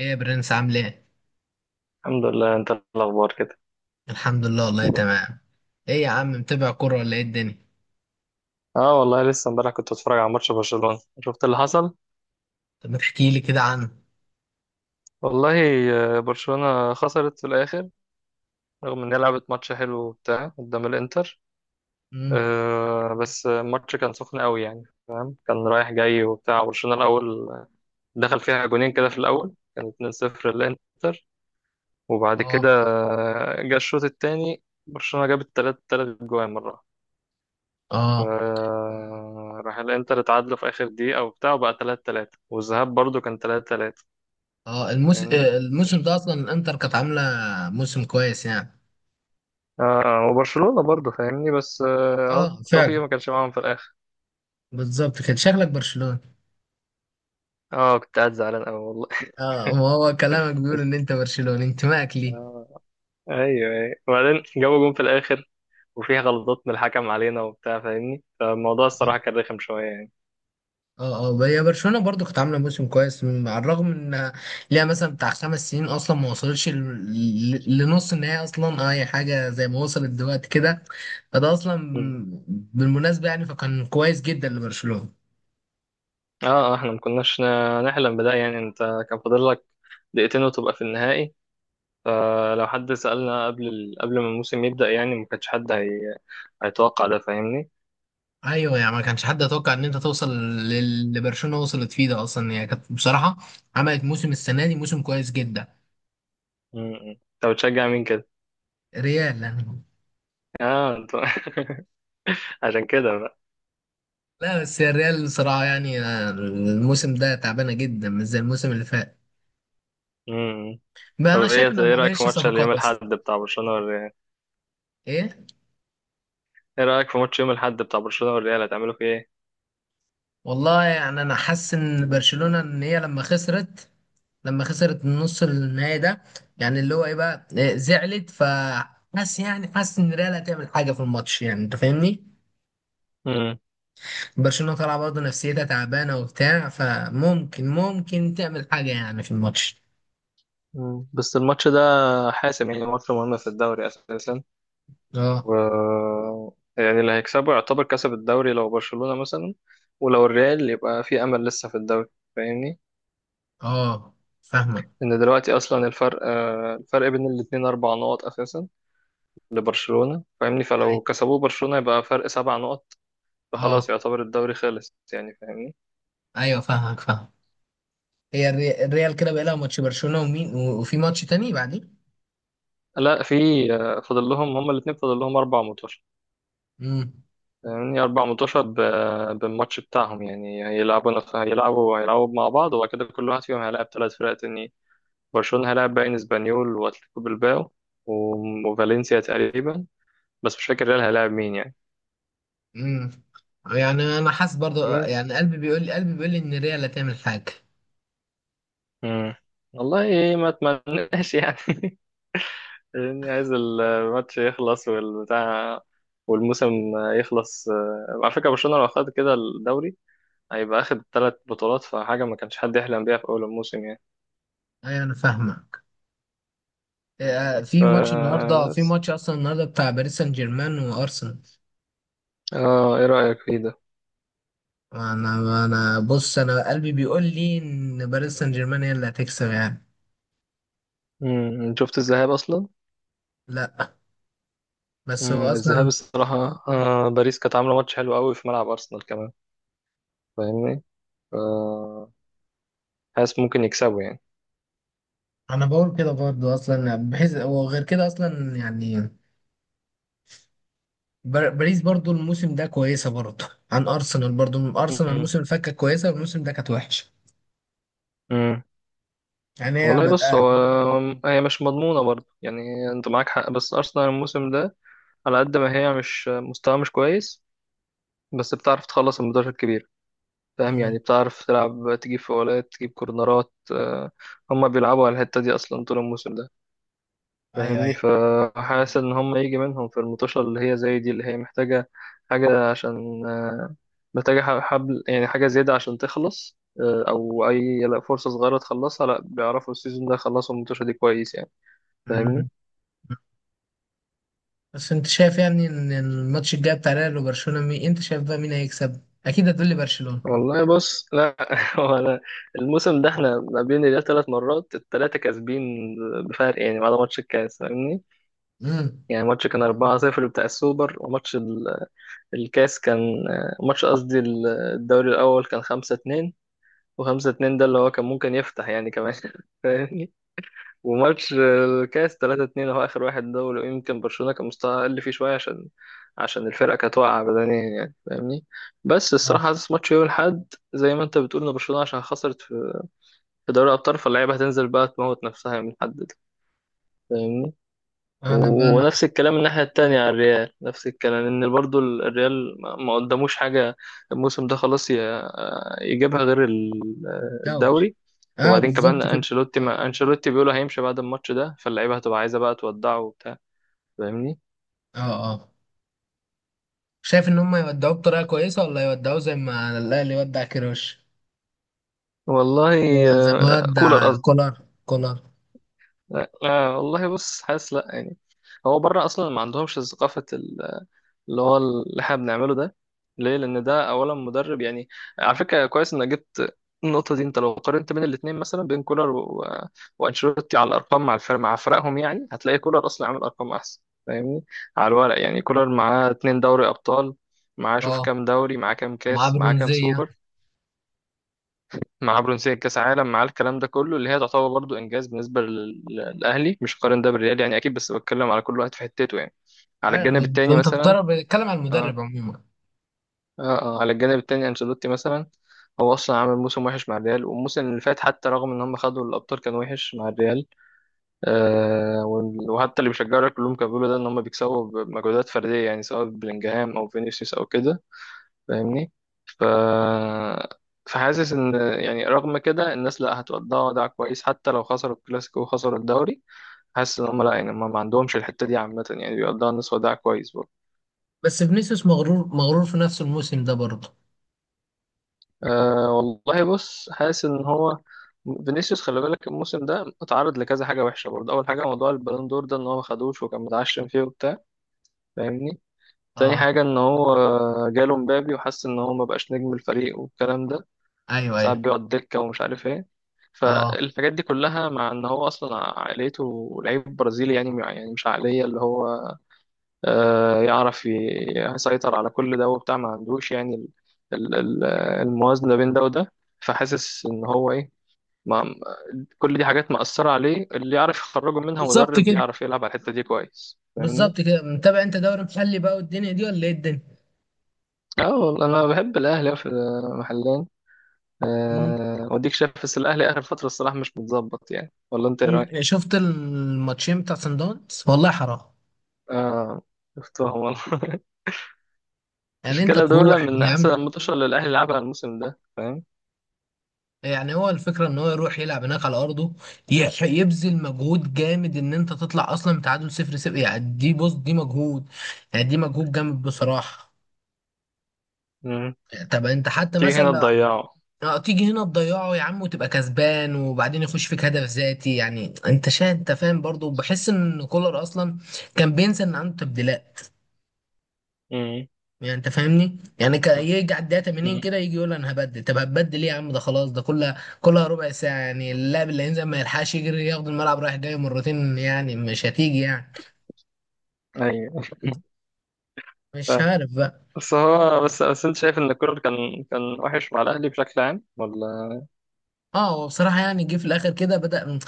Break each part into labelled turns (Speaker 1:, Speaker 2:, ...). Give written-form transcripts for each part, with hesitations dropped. Speaker 1: ايه يا برنس، عامل ايه؟
Speaker 2: الحمد لله. انت، الاخبار كده؟
Speaker 1: الحمد لله والله تمام. ايه يا عم، متابع كورة ولا ايه الدنيا؟
Speaker 2: اه والله، لسه امبارح كنت بتفرج على ماتش برشلونة. شفت اللي حصل؟
Speaker 1: طب ما تحكي لي كده عنه.
Speaker 2: والله برشلونة خسرت في الاخر. رغم ان هي لعبت ماتش حلو وبتاع قدام الانتر.
Speaker 1: امم.
Speaker 2: بس الماتش كان سخن قوي يعني. كان رايح جاي وبتاع. برشلونة الاول دخل فيها جونين كده، في الاول كان 2-0 للانتر. وبعد
Speaker 1: اه،
Speaker 2: كده جه الشوط التاني، برشلونة جابت تلات تلات جوان مرة.
Speaker 1: اه،
Speaker 2: راح الانتر اتعادلوا في اخر دقيقة وبتاع، وبقى 3-3، والذهاب برضو كان 3-3.
Speaker 1: اه.
Speaker 2: فاهمني؟
Speaker 1: الموسم ده اصلا الانتر كانت عاملة موسم كويس يعني.
Speaker 2: وبرشلونة برضو فاهمني، بس اهو
Speaker 1: اه
Speaker 2: التوفيق
Speaker 1: فعلا،
Speaker 2: ما كانش معاهم في الاخر.
Speaker 1: بالظبط كده، شكلك برشلوني.
Speaker 2: اه، كنت قاعد زعلان قوي والله.
Speaker 1: اه، وهو كلامك بيقول ان انت برشلوني، انتمائك ليه.
Speaker 2: آه ايوه ايوه، وبعدين جابوا جون في الاخر. وفيها غلطات من الحكم علينا وبتاع فاهمني، فالموضوع الصراحة كان رخم شوية يعني.
Speaker 1: اه، اه، هي برشلونه برضو كانت عامله موسم كويس على الرغم ان ليها مثلا بتاع خمس سنين اصلا ما وصلتش ل- ل- لنص النهائي اصلا اي حاجه زي ما وصلت دلوقتي كده، فده اصلا
Speaker 2: مم.
Speaker 1: بالمناسبه يعني، فكان كويس جدا لبرشلونه.
Speaker 2: اه. احنا ما كناش نحلم بده يعني. انت كان فاضل لك دقيقتين وتبقى في النهائي. فلو حد سألنا قبل ما الموسم يبدأ، يعني ما كانش حد هيتوقع ده. فاهمني؟
Speaker 1: ايوه يعني، ما كانش حد يتوقع ان انت توصل للي برشلونه وصلت فيه، ده اصلا هي كانت بصراحه عملت موسم السنه دي موسم كويس جدا.
Speaker 2: م- م. طب بتشجع مين كده؟
Speaker 1: ريال يعني.
Speaker 2: اه. عشان كده بقى.
Speaker 1: لا بس هي الريال بصراحه يعني الموسم ده تعبانه جدا، مش زي الموسم اللي فات.
Speaker 2: م- م.
Speaker 1: بقى
Speaker 2: طب
Speaker 1: انا شايف
Speaker 2: ايه
Speaker 1: انها ما
Speaker 2: ايه رأيك في
Speaker 1: عملتش
Speaker 2: ماتش
Speaker 1: صفقات
Speaker 2: اليوم الأحد
Speaker 1: اصلا.
Speaker 2: بتاع برشلونة والريال؟
Speaker 1: ايه،
Speaker 2: ايه رأيك في ماتش يوم الأحد بتاع برشلونة والريال؟ هتعملوا فيه ايه؟
Speaker 1: والله يعني انا حاسس ان برشلونة، ان هي لما خسرت النص النهائي ده، يعني اللي هو ايه بقى، زعلت، فحاسس يعني حاسس ان ريال هتعمل حاجة في الماتش، يعني انت فاهمني.
Speaker 2: م-
Speaker 1: برشلونة طالعة برضه نفسيتها تعبانة وبتاع، فممكن تعمل حاجة يعني في الماتش.
Speaker 2: م. بس الماتش ده حاسم يعني. ماتش مهم في الدوري أساسا.
Speaker 1: اه،
Speaker 2: و يعني اللي هيكسبه يعتبر كسب الدوري لو برشلونة مثلا. ولو الريال يبقى في أمل لسه في الدوري. فاهمني؟
Speaker 1: اه، فاهمك.
Speaker 2: ان دلوقتي اصلا الفرق بين الاتنين 4 نقط اساسا لبرشلونة. فاهمني؟
Speaker 1: أي-
Speaker 2: فلو كسبوه برشلونة يبقى فرق 7 نقط، فخلاص
Speaker 1: اه،
Speaker 2: يعتبر الدوري خلص يعني. فاهمني؟
Speaker 1: ايوه، فاهمك، فاهم. هي الريال كده بقى لها ماتش برشلونة ومين و- وفي ماتش تاني بعدين.
Speaker 2: لا، في. فاضل لهم هما الاتنين، فاضل لهم 4 ماتشات.
Speaker 1: امم.
Speaker 2: فاهمني؟ 4 ماتشات بالماتش بتاعهم يعني هيلعبوا نف- هيلعبوا هيلعبوا مع بعض. وبعد كده كل واحد فيهم هيلاعب 3 فرق تانيين. برشلونة هيلاعب باين اسبانيول واتلتيكو بلباو وفالنسيا تقريبا. بس مش فاكر ريال هيلاعب مين يعني.
Speaker 1: امم. يعني انا حاسس برضو يعني،
Speaker 2: بس
Speaker 1: قلبي بيقول لي ان ريال هتعمل حاجه.
Speaker 2: مم. والله ما اتمناش يعني. يعني عايز الماتش يخلص والبتاع والموسم يخلص. على فكرة، برشلونة لو خد كده الدوري هيبقى اخد 3 بطولات، فحاجة ما كانش حد يحلم بيها في أول الموسم يعني.
Speaker 1: ايوه انا فاهمك. إيه، آه،
Speaker 2: فاهمني؟
Speaker 1: في
Speaker 2: فبس.
Speaker 1: ماتش اصلا النهارده بتاع باريس سان جيرمان وارسنال.
Speaker 2: اه، ايه رأيك فيه ده؟
Speaker 1: انا، بص، انا قلبي بيقول لي ان باريس سان جيرمان هي اللي هتكسب يعني.
Speaker 2: مم. شفت الذهاب أصلا؟
Speaker 1: لا، بس هو
Speaker 2: مم.
Speaker 1: اصلا
Speaker 2: الذهاب الصراحة باريس كانت عاملة ماتش حلو قوي في ملعب أرسنال كمان. فاهمني؟ ف- حاسس ممكن يكسبوا يعني.
Speaker 1: انا بقول كده برضو اصلا، بحيث وغير كده اصلا يعني باريس برضو الموسم ده كويسه، برضو عن ارسنال. برضو ارسنال الموسم اللي فات كانت كويسه والموسم ده كانت وحشه،
Speaker 2: مم.
Speaker 1: يعني هي
Speaker 2: والله بص،
Speaker 1: بادئه.
Speaker 2: هي مش مضمونة برضه يعني. انت معاك حق، بس أرسنال الموسم ده على قد ما هي مش مستوى، مش كويس، بس بتعرف تخلص الماتشات الكبيرة. فاهم يعني؟ بتعرف تلعب، تجيب فاولات تجيب كورنرات، هما بيلعبوا على الحتة دي أصلا طول الموسم ده.
Speaker 1: ايوه، ايوه.
Speaker 2: فاهمني؟ فحاسس إن هما يجي منهم في المطوشة اللي هي زي دي، اللي هي محتاجة حاجة عشان محتاجة حبل يعني، حاجة زيادة عشان تخلص، أو أي، لا، فرصة صغيرة تخلصها، لا، بيعرفوا السيزون ده يخلصوا المطوشة دي كويس يعني. فاهمني؟
Speaker 1: مم. بس انت شايف يعني ان الماتش الجاي بتاع ريال وبرشلونه مين، انت شايف بقى مين هيكسب؟ اكيد هتقولي برشلونه.
Speaker 2: والله بص، لا انا الموسم ده احنا ما بين الريال 3 مرات، الثلاثه كاسبين بفرق يعني، بعد ماتش الكاس. فاهمني؟
Speaker 1: امم.
Speaker 2: يعني ماتش كان 4-0 بتاع السوبر، وماتش الكاس كان ماتش، قصدي الدوري الاول كان 5-2، و5-2 ده اللي هو كان ممكن يفتح يعني كمان فاهمني؟ وماتش الكاس 3-2 اهو، اخر واحد ده، ولو يمكن برشلونة كان مستواها اقل فيه شوية، عشان الفرقة كانت واقعة بدنيا يعني. فاهمني؟ بس
Speaker 1: اه،
Speaker 2: الصراحة حاسس ماتش يوم الأحد، زي ما انت بتقول، ان برشلونة عشان خسرت في دوري الأبطال، فاللعيبة هتنزل بقى تموت نفسها من الحد ده. فاهمني؟
Speaker 1: انا بقى
Speaker 2: و-
Speaker 1: انا
Speaker 2: ونفس الكلام الناحية التانية على الريال، نفس الكلام، ان برضو الريال ما قدموش حاجة الموسم ده، خلاص يجيبها غير ال-
Speaker 1: دوري.
Speaker 2: الدوري
Speaker 1: اه،
Speaker 2: وبعدين كمان،
Speaker 1: بالظبط كده.
Speaker 2: انشيلوتي ما انشيلوتي بيقولوا هيمشي بعد الماتش ده، فاللعيبة هتبقى عايزة بقى تودعه وبتاع. فاهمني؟
Speaker 1: اه، اه، شايف ان هم يودعوه بطريقه كويسه ولا يودعوه زي ما الاهلي يودع كيروش؟
Speaker 2: والله،
Speaker 1: زي ما ودع
Speaker 2: كولر قصدي.
Speaker 1: كولر.
Speaker 2: لا لا، والله بص، حاسس لا يعني. هو بره اصلا ما عندهمش ثقافة اللي هو، اللي احنا بنعمله ده. ليه؟ لان ده اولا مدرب يعني. على فكره، كويس انك جبت النقطه دي. انت لو قارنت بين الاثنين مثلا، بين كولر و... وانشيلوتي، على الارقام مع الفرق، مع فرقهم يعني، هتلاقي كولر اصلا عامل ارقام احسن. فاهمني؟ على الورق يعني، كولر معاه 2 دوري ابطال، معاه شوف
Speaker 1: اه،
Speaker 2: كام دوري، معاه كام
Speaker 1: ومعاه
Speaker 2: كاس، معاه كام
Speaker 1: برونزيه.
Speaker 2: سوبر، معاه برونزيه كاس عالم، معاه الكلام ده كله اللي هي تعتبر برضو انجاز بالنسبه للاهلي. مش قارن ده بالريال يعني اكيد، بس بتكلم على كل واحد في حتته يعني. على
Speaker 1: عارف،
Speaker 2: الجانب التاني
Speaker 1: انت
Speaker 2: مثلا
Speaker 1: بتضرب بتتكلم على
Speaker 2: آه،
Speaker 1: المدرب عموما.
Speaker 2: اه على الجانب التاني انشيلوتي مثلا، هو اصلا عامل موسم وحش مع الريال، والموسم اللي فات حتى، رغم ان هم خدوا الابطال، كان وحش مع الريال. آه وال- وحتى اللي بيشجعوا كلهم كانوا بيقولوا ده، ان هم بيكسبوا بمجهودات فرديه يعني، سواء بلينجهام او فينيسيوس او كده. فاهمني؟ ف فحاسس ان، يعني رغم كده الناس، لا، هتودعوا ودع كويس حتى لو خسروا الكلاسيكو وخسروا الدوري. حاسس ان هم لا يعني، هم ما عندهمش الحته دي عامه يعني، بيودعوا الناس ودع كويس.
Speaker 1: بس فينيسيوس مغرور مغرور في نفس الموسم ده برضه.
Speaker 2: أه والله بص، حاسس ان هو، فينيسيوس خلي بالك الموسم ده اتعرض لكذا حاجه وحشه برضه. اول حاجه موضوع البالون دور ده، ان هو ما خدوش وكان متعشم فيه وبتاع. فاهمني؟ تاني
Speaker 1: اه،
Speaker 2: حاجه، ان هو جاله مبابي وحس ان هو ما بقاش نجم الفريق والكلام ده،
Speaker 1: ايوه،
Speaker 2: ساعات
Speaker 1: ايوه.
Speaker 2: بيقعد دكه ومش عارف ايه.
Speaker 1: اه،
Speaker 2: فالحاجات دي كلها، مع ان هو اصلا عائلته لعيب برازيلي يعني، مش عقليه اللي هو، يعرف يسيطر على كل ده وبتاع، ما عندوش يعني ال- ال- الموازنة بين ده وده. فحاسس ان هو ايه، ما كل دي حاجات مأثرة عليه، اللي يعرف يخرجه منها
Speaker 1: بالظبط
Speaker 2: مدرب
Speaker 1: كده،
Speaker 2: بيعرف يلعب على الحتة دي كويس. فاهمني؟
Speaker 1: بالظبط كده. متابع انت دوري محلي بقى والدنيا دي، ولا ايه الدنيا؟
Speaker 2: اه والله انا بحب الاهلي في محلين.
Speaker 1: مم.
Speaker 2: وديك شايف بس الاهلي اخر فترة الصراحة مش متظبط يعني، ولا انت ايه
Speaker 1: مم.
Speaker 2: رايك؟
Speaker 1: شفت الماتشين بتاع سان داونز؟ والله حرام.
Speaker 2: اه، شفتهم والله
Speaker 1: يعني انت
Speaker 2: المشكلة دول
Speaker 1: تروح
Speaker 2: من
Speaker 1: يا عم.
Speaker 2: احسن الماتشات اللي الاهلي لعبها الموسم ده. فاهم؟
Speaker 1: يعني هو الفكره ان هو يروح يلعب هناك على ارضه، يبذل مجهود جامد ان انت تطلع اصلا بتعادل صفر صفر، يعني دي، بص، دي مجهود. يعني دي مجهود جامد
Speaker 2: مم.
Speaker 1: بصراحه.
Speaker 2: مم.
Speaker 1: طب انت حتى
Speaker 2: تيجي
Speaker 1: مثلا
Speaker 2: هنا تضيعه.
Speaker 1: اه، تيجي هنا تضيعه يا عم، وتبقى كسبان وبعدين يخش فيك هدف ذاتي. يعني انت شايف، انت فاهم، برضه بحس ان كولر اصلا كان بينسى ان عنده تبديلات.
Speaker 2: امم،
Speaker 1: يعني انت فاهمني، يعني يجي على الدقيقه 80
Speaker 2: امم،
Speaker 1: كده يجي يقول انا هبدل. طب هتبدل ايه يا عم، ده خلاص، ده كلها كلها ربع ساعه. يعني اللاعب اللي هينزل ما يلحقش يجري، ياخد الملعب رايح جاي مرتين يعني مش هتيجي يعني.
Speaker 2: ايوه،
Speaker 1: مش
Speaker 2: فاهم.
Speaker 1: عارف بقى.
Speaker 2: بس هو، بس انت شايف ان الكولر كان وحش مع الاهلي بشكل عام ولا؟
Speaker 1: اه، هو بصراحة يعني جه في الآخر كده، بدأ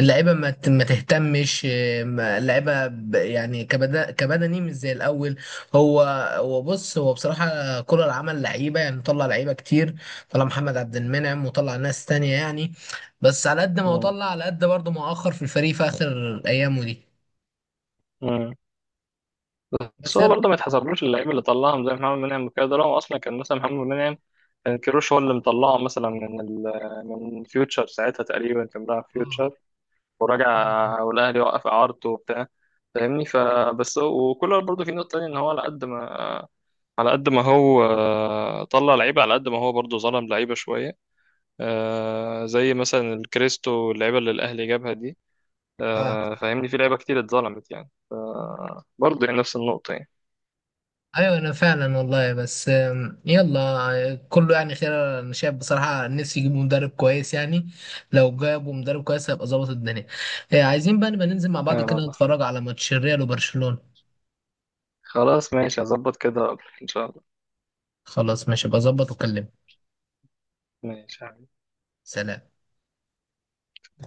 Speaker 1: اللعيبة ما تهتمش، اللعيبة يعني كبدني مش زي الأول. هو، بص، هو بصراحة كولر عمل لعيبة يعني، طلع لعيبة كتير، طلع محمد عبد المنعم وطلع ناس تانية يعني. بس على قد ما هو
Speaker 2: امم،
Speaker 1: طلع، على قد برضه ما أخر في الفريق في آخر أيامه دي.
Speaker 2: امم. بس
Speaker 1: بس
Speaker 2: هو برضه ما يتحسبلوش اللعيبه اللي طلعهم زي محمد منعم وكده. ده هو اصلا كان مثلا محمد منعم كان كيروش هو اللي مطلعه مثلا من فيوتشر ساعتها، تقريبا كان بيلعب
Speaker 1: اه.
Speaker 2: فيوتشر.
Speaker 1: أيوه.
Speaker 2: ورجع، والاهلي وقف اعارته وبتاع. فاهمني؟ فبس هو وكولر برضه في نقطه تانيه، ان هو على قد ما هو طلع لعيبه، على قد ما هو برضه ظلم لعيبه شويه. زي مثلا الكريستو، اللعيبة اللي الأهلي جابها دي.
Speaker 1: آه.
Speaker 2: فاهمني؟ في لعيبة كتير اتظلمت يعني، برضه يعني نفس النقطة يعني.
Speaker 1: ايوه انا فعلا والله. بس يلا كله يعني خير. انا شايف بصراحه نفسي يجيبوا مدرب كويس يعني، لو جابوا مدرب كويس هيبقى ظابط الدنيا. عايزين بقى نبقى ننزل مع بعض كده،
Speaker 2: آه
Speaker 1: نتفرج على ماتش الريال وبرشلونه.
Speaker 2: خلاص، ماشي، هظبط كده وأقولك إن شاء الله.
Speaker 1: خلاص ماشي، بظبط واكلمك.
Speaker 2: ماشي.
Speaker 1: سلام.